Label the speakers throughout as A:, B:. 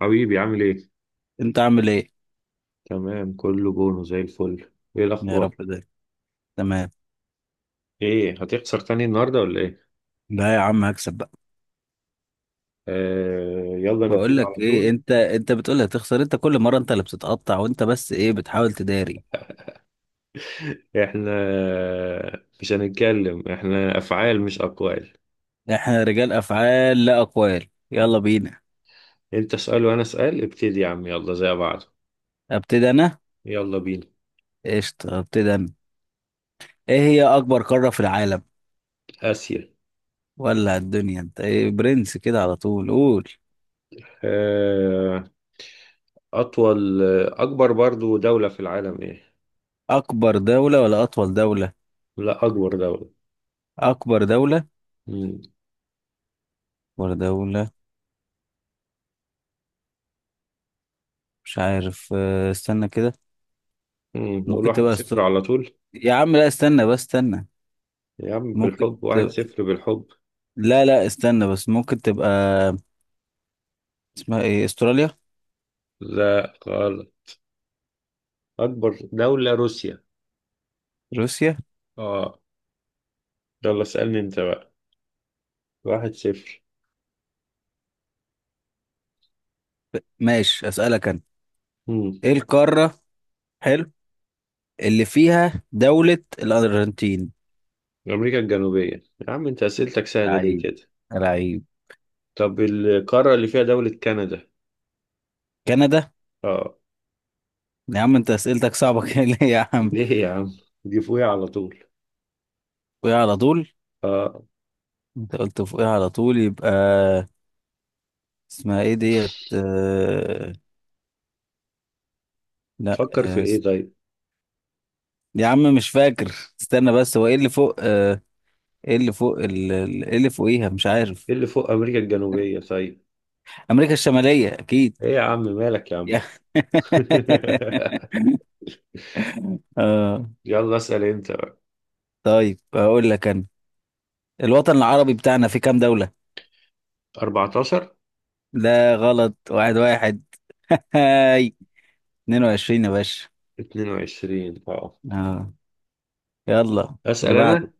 A: حبيبي عامل ايه؟
B: انت عامل ايه؟
A: تمام كله بونو زي الفل. ايه
B: يا رب
A: الاخبار؟
B: ده. تمام.
A: ايه هتخسر تاني النهارده ولا ايه؟
B: لا يا عم، هكسب بقى.
A: آه يلا
B: بقول
A: نبتدي
B: لك
A: على
B: ايه،
A: طول.
B: انت بتقول هتخسر، انت كل مره انت اللي بتتقطع وانت بس ايه بتحاول تداري.
A: احنا مش هنتكلم، احنا افعال مش اقوال.
B: احنا رجال افعال لا اقوال، يلا بينا.
A: انت اسأل وانا اسأل، ابتدي يا عم يلا زي بعض.
B: ابتدي انا.
A: يلا بينا.
B: قشطه، ابتدي انا. ايه هي اكبر قاره في العالم
A: اسيا.
B: ولا الدنيا؟ انت ايه برنس كده على طول؟ قول
A: آه. اطول اكبر برضو دولة في العالم ايه؟
B: اكبر دوله ولا اطول دوله؟
A: لا اكبر دولة.
B: اكبر دوله
A: مم.
B: ولا دوله؟ مش عارف، استنى كده.
A: نقول
B: ممكن
A: واحد
B: تبقى
A: صفر على طول.
B: يا عم لا، استنى بس، استنى.
A: يا عم
B: ممكن.
A: بالحب واحد صفر بالحب.
B: لا لا، استنى بس، ممكن تبقى اسمها ايه، استراليا.
A: لا غلط. أكبر دولة روسيا.
B: روسيا.
A: آه. يلا اسألني أنت بقى. واحد صفر.
B: ماشي، اسألك انا.
A: مم.
B: ايه القارة؟ حلو، اللي فيها دولة الأرجنتين.
A: أمريكا الجنوبية. يا عم أنت أسئلتك سهلة ليه
B: لعيب،
A: كده؟
B: لعيب.
A: طب القارة اللي فيها دولة كندا.
B: كندا.
A: آه.
B: يا عم انت اسئلتك صعبة كده ليه يا عم؟
A: ليه يا عم؟ دي فوقيها على طول.
B: فوقيها على طول.
A: آه.
B: انت قلت فوقيها على طول، يبقى اسمها ايه ديت لا،
A: تفكر في إيه طيب؟
B: يا عم مش فاكر. استنى بس، هو ايه اللي فوق؟ ايه اللي فوق ايه اللي فوقيها؟ مش عارف.
A: إيه اللي فوق أمريكا الجنوبية طيب؟
B: امريكا الشمالية اكيد.
A: إيه يا عم مالك يا عم؟
B: يا- اه.
A: يلا اسأل أنت بقى.
B: طيب اقول لك انا، الوطن العربي بتاعنا في كام دولة؟
A: 14.
B: لا غلط، واحد. هاي، 22 يا باشا.
A: 22. آه.
B: اه، يلا اللي
A: أسأل
B: بعده.
A: أنا.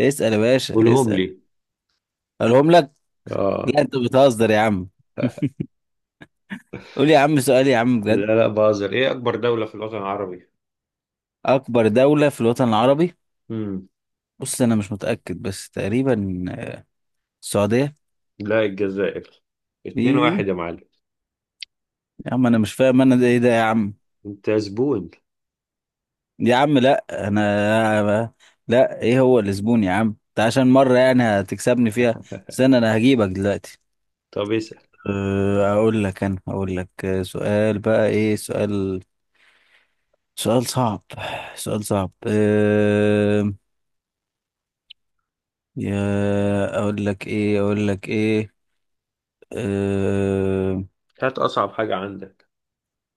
B: اسأل يا باشا،
A: قولهم
B: اسأل.
A: لي.
B: اقولهم لك؟
A: آه.
B: لا انت بتهزر يا عم، قول يا عم سؤال يا عم بجد.
A: لا لا بازر. إيه أكبر دولة في الوطن العربي؟
B: اكبر دولة في الوطن العربي، بص انا مش متأكد، بس تقريبا السعودية.
A: لا الجزائر. اتنين
B: ايه؟
A: واحد يا معلم.
B: يا عم انا مش فاهم، انا ده ايه ده يا عم؟
A: انت زبون.
B: يا عم لا انا، لا ايه هو الزبون يا عم؟ انت عشان مرة يعني هتكسبني فيها؟ استنى، انا هجيبك دلوقتي.
A: طب اسأل.
B: اقول لك انا، اقول لك سؤال بقى، ايه سؤال؟ سؤال صعب، سؤال صعب. اقول لك ايه اقول لك ايه، أه،
A: هات أصعب حاجة عندك.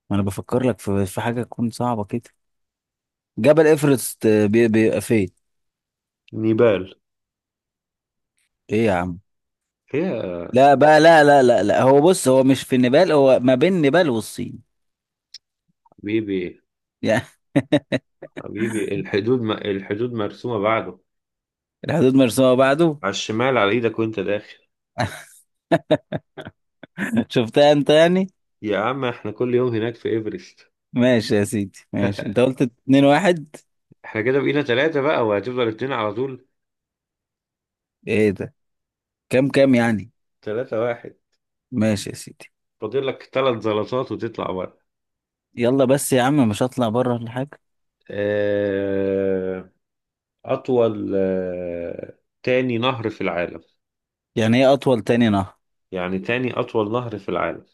B: ما انا بفكر لك في حاجة تكون صعبة كده. جبل ايفرست بيبقى فين؟
A: نيبال.
B: ايه يا عم؟
A: يا
B: لا بقى، لا، هو بص، هو مش في النيبال، هو ما بين نيبال والصين
A: حبيبي.
B: يعني.
A: حبيبي الحدود الحدود مرسومة بعده.
B: الحدود مرسومة بعده.
A: على الشمال على ايدك وانت داخل.
B: شفتها انت يعني؟
A: يا عم احنا كل يوم هناك في ايفرست.
B: ماشي يا سيدي، ماشي، انت قلت اتنين واحد.
A: احنا كده بقينا ثلاثة بقى وهتفضل اتنين على طول.
B: ايه ده؟ كام كام يعني؟
A: 3-1.
B: ماشي يا سيدي.
A: فاضل لك ثلاث زلطات وتطلع بره.
B: يلا بس يا عم، مش هطلع بره ولا حاجة.
A: آه، أطول تاني نهر في العالم.
B: يعني ايه اطول تاني نهر؟
A: يعني تاني أطول نهر في العالم.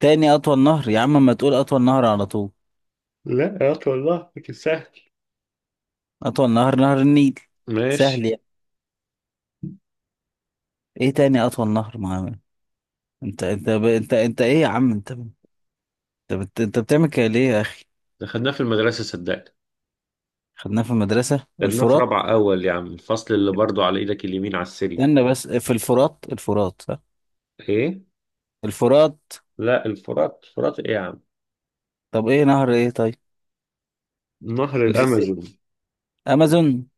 B: تاني اطول نهر؟ يا عم ما تقول اطول نهر على طول.
A: لا يا اخي والله لكن سهل.
B: اطول نهر نهر النيل.
A: ماشي.
B: سهل يعني. ايه تاني اطول نهر معانا؟ انت ايه يا عم؟ انت بتعمل كده ليه يا اخي؟
A: ده خدناه في المدرسة صدقني.
B: خدناه في المدرسة
A: خدناه في
B: الفرات.
A: رابعة أول يا عم، الفصل اللي برضو على إيدك اليمين على السلم.
B: استنى بس، في الفرات، الفرات صح.
A: إيه؟
B: الفرات.
A: لا الفرات الفرات إيه يا عم؟
B: طب ايه نهر ايه طيب؟
A: نهر
B: ميسيسيبي.
A: الأمازون.
B: امازون.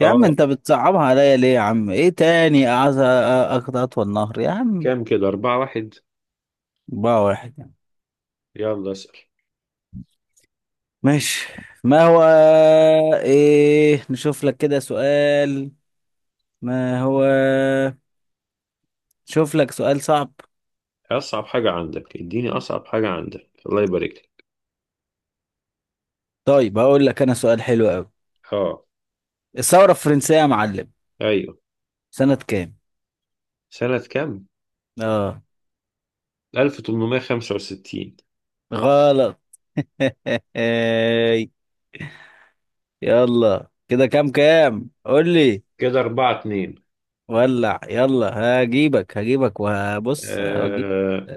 B: يا عم
A: آه.
B: انت بتصعبها عليا ليه يا عم؟ ايه تاني اعز اخد اطول نهر يا عم؟
A: كام كده؟ 4-1.
B: بقى واحد يعني.
A: يلا اسأل.
B: ماشي. ما هو، ايه نشوف لك كده سؤال. ما هو، شوف لك سؤال صعب.
A: أصعب حاجة عندك، اديني أصعب حاجة عندك الله يبارك لك.
B: طيب هقول لك انا سؤال حلو قوي.
A: آه.
B: الثورة الفرنسية يا معلم،
A: أيوه.
B: سنة كام؟
A: سنة كام؟
B: اه.
A: 1865.
B: غلط. يلا كده كام كام قول لي.
A: كده 4-2.
B: ولع، يلا هجيبك، هجيبك وهبص، هجيب.
A: آه.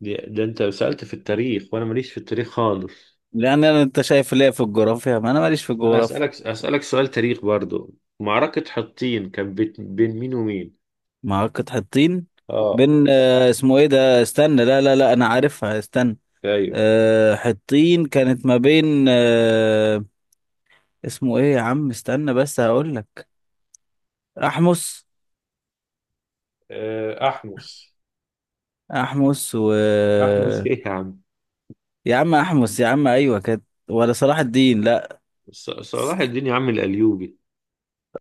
A: ده أنت سألت في التاريخ وأنا ماليش في التاريخ خالص.
B: لان انا، انت شايف ليه في الجغرافيا؟ ما انا ماليش في
A: انا
B: الجغرافيا.
A: اسالك سؤال تاريخ برضو. معركة حطين كان بين مين ومين؟
B: معركة حطين
A: اه.
B: بين اسمه ايه ده؟ استنى لا لا لا، انا عارفها، استنى.
A: ايوه.
B: حطين كانت ما بين اسمه ايه يا عم؟ استنى بس هقول لك. احمس.
A: آه، احمس.
B: احمس و،
A: احمس ايه يا عم؟
B: يا عم احمس يا عم، ايوه كانت ولا صلاح الدين؟ لا
A: صلاح الدين يا عم الايوبي.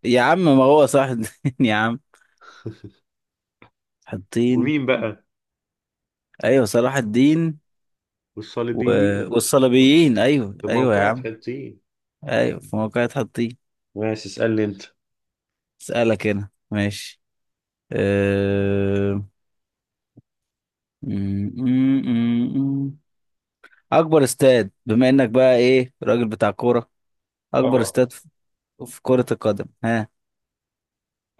B: يا عم، ما هو صلاح الدين يا عم، حطين.
A: ومين بقى؟
B: ايوه، صلاح الدين و...
A: والصليبيين.
B: والصليبيين، ايوه
A: في
B: ايوه يا
A: موقعة
B: عم.
A: حطين.
B: ايوه في موقع حطين.
A: ماشي اسالني انت.
B: اسالك هنا ماشي. أه... م- م- م- م. اكبر استاد، بما انك بقى ايه، راجل بتاع كوره، اكبر
A: اه.
B: استاد في في كرة القدم، ها؟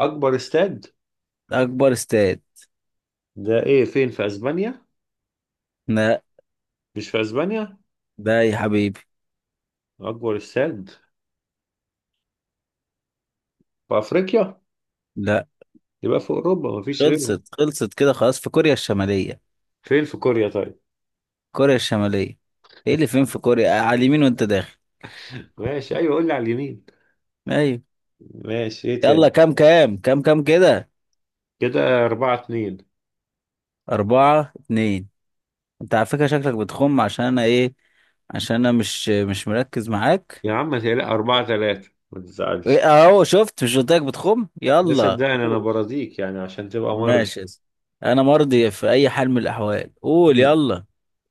A: اكبر استاد.
B: اكبر استاد.
A: ده ايه، فين في اسبانيا؟
B: لا.
A: مش في اسبانيا.
B: ده يا حبيبي،
A: اكبر استاد في افريقيا.
B: لا.
A: يبقى في اوروبا مفيش غيرهم.
B: خلصت، خلصت كده خلاص، في كوريا الشمالية.
A: فين في كوريا طيب؟
B: كوريا الشمالية، ايه اللي فين في كوريا على اليمين وانت داخل.
A: ماشي. ايوه قول لي على اليمين.
B: ايوه.
A: ماشي. ايه تاني؟
B: يلا كام كام كام كام كده؟
A: كده أربعة اتنين.
B: أربعة اتنين. انت على فكرة شكلك بتخم، عشان انا ايه؟ عشان انا مش مركز معاك.
A: يا عم تقلق 4-3، ما
B: ايه
A: تزعلش.
B: اهو شفت؟ مش قلت لك بتخم؟
A: ده
B: يلا
A: صدقني أنا
B: قول.
A: برازيك يعني عشان تبقى مرضي.
B: ماشي يا اسطى. انا مرضي في اي حال من الاحوال، قول
A: مم.
B: يلا.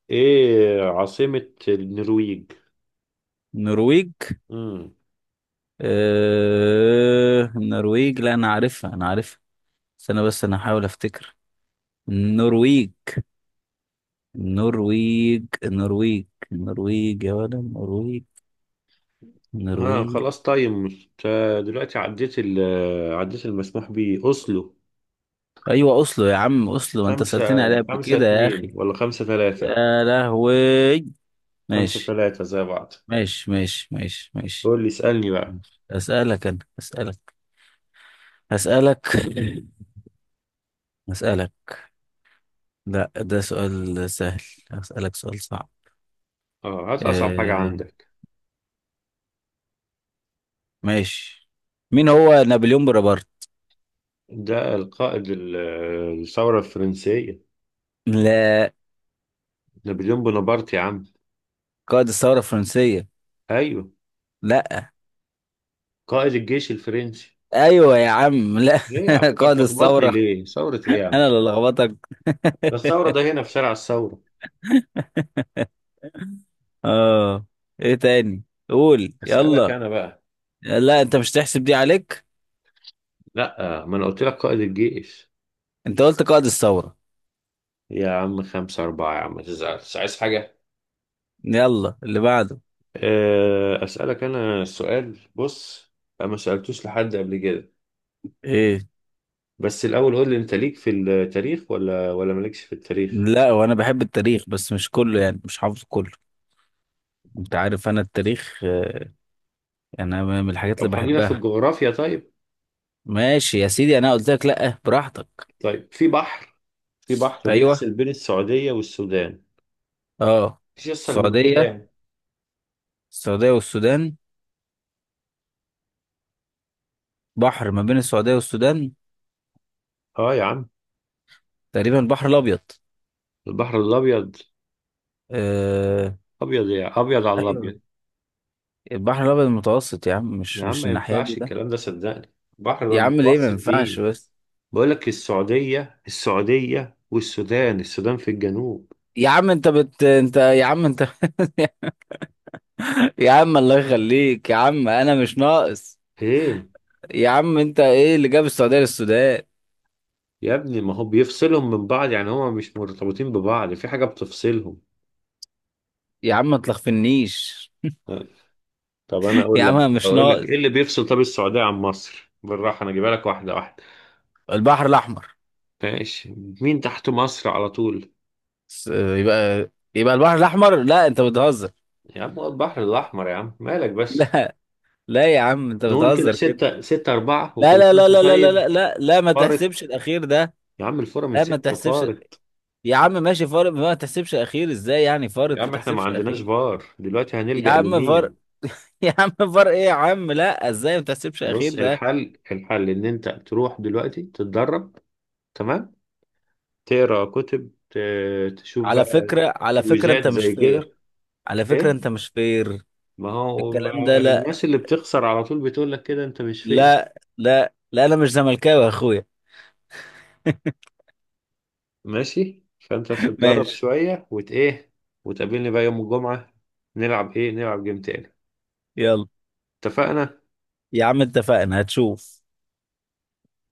A: إيه عاصمة النرويج؟
B: النرويج؟
A: مم.
B: اه... النرويج، لا انا عارفها، انا عارفها. استنى بس انا هحاول افتكر. النرويج، النرويج، النرويج، النرويج يا ولد، النرويج،
A: ها
B: النرويج.
A: خلاص طيب مش دلوقتي، عديت عديت المسموح بيه أوسلو.
B: ايوه اصله يا عم، اصله ما انت
A: خمسة.
B: سألتني عليها قبل
A: خمسة
B: كده يا
A: اتنين
B: اخي.
A: ولا 5-3؟
B: يا لهوي،
A: خمسة
B: ماشي
A: تلاتة زي بعض.
B: ماشي ماشي.
A: قول لي اسألني بقى.
B: أسألك أنا، أسألك. أسألك أسألك. لا ده سؤال سهل. أسألك سؤال صعب.
A: اه هات أصعب حاجة
B: آه،
A: عندك.
B: ماشي. مين هو نابليون بونابرت؟
A: ده القائد الثورة الفرنسية.
B: لا.
A: نابليون بونابرت يا عم.
B: قائد الثورة الفرنسية؟
A: أيوه.
B: لا.
A: قائد الجيش الفرنسي.
B: أيوة يا عم لا.
A: ليه يا عم انت
B: قائد
A: بتلخبطني؟
B: الثورة.
A: ليه ثورة ايه يا عم؟
B: أنا اللي لخبطك؟
A: ده الثورة ده هنا في شارع الثورة.
B: آه. إيه تاني؟ قول
A: اسألك
B: يلا.
A: انا بقى.
B: لا أنت مش تحسب دي عليك.
A: لا ما انا قلت لك قائد الجيش.
B: أنت قلت قائد الثورة.
A: يا عم 5-4، يا عم ما تزعلش عايز حاجة.
B: يلا اللي بعده.
A: أسألك أنا السؤال. بص أنا ما سألتوش لحد قبل كده،
B: إيه؟
A: بس الأول قول لي أنت ليك في التاريخ ولا مالكش في التاريخ.
B: لا، وانا بحب التاريخ بس مش كله، يعني مش حافظ كله. انت عارف انا التاريخ يعني انا من الحاجات
A: طب
B: اللي
A: خلينا في
B: بحبها.
A: الجغرافيا طيب.
B: ماشي يا سيدي، انا قلت لك لا براحتك.
A: طيب في بحر
B: ايوه،
A: بيفصل بين السعودية والسودان.
B: اه.
A: مفيش أسهل من كده
B: السعوديه،
A: يعني.
B: السعوديه والسودان، بحر ما بين السعوديه والسودان،
A: اه يا عم.
B: تقريبا البحر الابيض.
A: البحر الابيض.
B: آه...
A: ابيض يا ابيض على الابيض.
B: ايوه، البحر الابيض المتوسط يا عم،
A: يا
B: مش
A: عم
B: مش
A: ما
B: الناحيه دي
A: ينفعش
B: ده.
A: الكلام ده صدقني، بحر
B: يا عم ليه ما
A: المتوسط
B: ينفعش
A: مين؟
B: بس؟
A: بقول لك السعوديه السعوديه والسودان، السودان في الجنوب.
B: يا عم انت يا عم انت يا عم الله يخليك يا عم، انا مش ناقص.
A: ايه.
B: يا عم انت ايه اللي جاب السعوديه للسودان؟
A: يا ابني ما هو بيفصلهم من بعض يعني، هما مش مرتبطين ببعض، في حاجه بتفصلهم.
B: يا عم ما تلخفنيش.
A: طب انا
B: يا
A: اقول
B: عم أنا
A: لك
B: مش
A: اقول لك
B: ناقص.
A: ايه اللي بيفصل طب السعوديه عن مصر، بالراحه انا اجيبها لك واحده واحده.
B: البحر الاحمر.
A: ماشي. مين تحت مصر على طول؟
B: يبقى، يبقى البحر الاحمر، لا انت بتهزر.
A: يا عم هو البحر الاحمر، يا عم مالك بس؟
B: لا، لا يا عم انت
A: نقول كده
B: بتهزر كده.
A: ستة 6-4،
B: لا
A: وكل
B: لا
A: سنة
B: لا
A: وأنت
B: لا لا لا
A: طيب.
B: لا لا, لا، ما
A: فارق.
B: تحسبش الاخير ده.
A: يا عم الفورة من
B: لا ما
A: ستة
B: تحسبش.
A: فار.
B: يا عم ماشي، فارق، ما تحسبش الاخير، ازاي يعني فارق
A: يا
B: ما
A: عم احنا ما
B: تحسبش
A: عندناش
B: الاخير؟
A: فار دلوقتي،
B: يا
A: هنلجأ
B: عم فارق.
A: لمين؟
B: يا عم فارق، ايه يا عم لا، ازاي ما تحسبش الاخير
A: بص،
B: ده؟
A: الحل ان انت تروح دلوقتي تتدرب. تمام. تقرا كتب، تشوف
B: على
A: بقى.
B: فكره، على فكره
A: تويجات
B: انت مش
A: زي
B: فير.
A: كده.
B: على فكره
A: ايه؟
B: انت مش فير.
A: ما هو
B: الكلام ده
A: ما
B: لا.
A: الناس اللي بتخسر على طول بتقول لك كده، انت مش فيا.
B: لا، انا مش زملكاوي يا اخويا.
A: ماشي. فانت بتتدرب
B: ماشي.
A: شوية ايه، وتقابلني بقى يوم الجمعة. نلعب ايه؟ نلعب جيم تاني.
B: يلا
A: اتفقنا.
B: يا عم اتفقنا، هتشوف.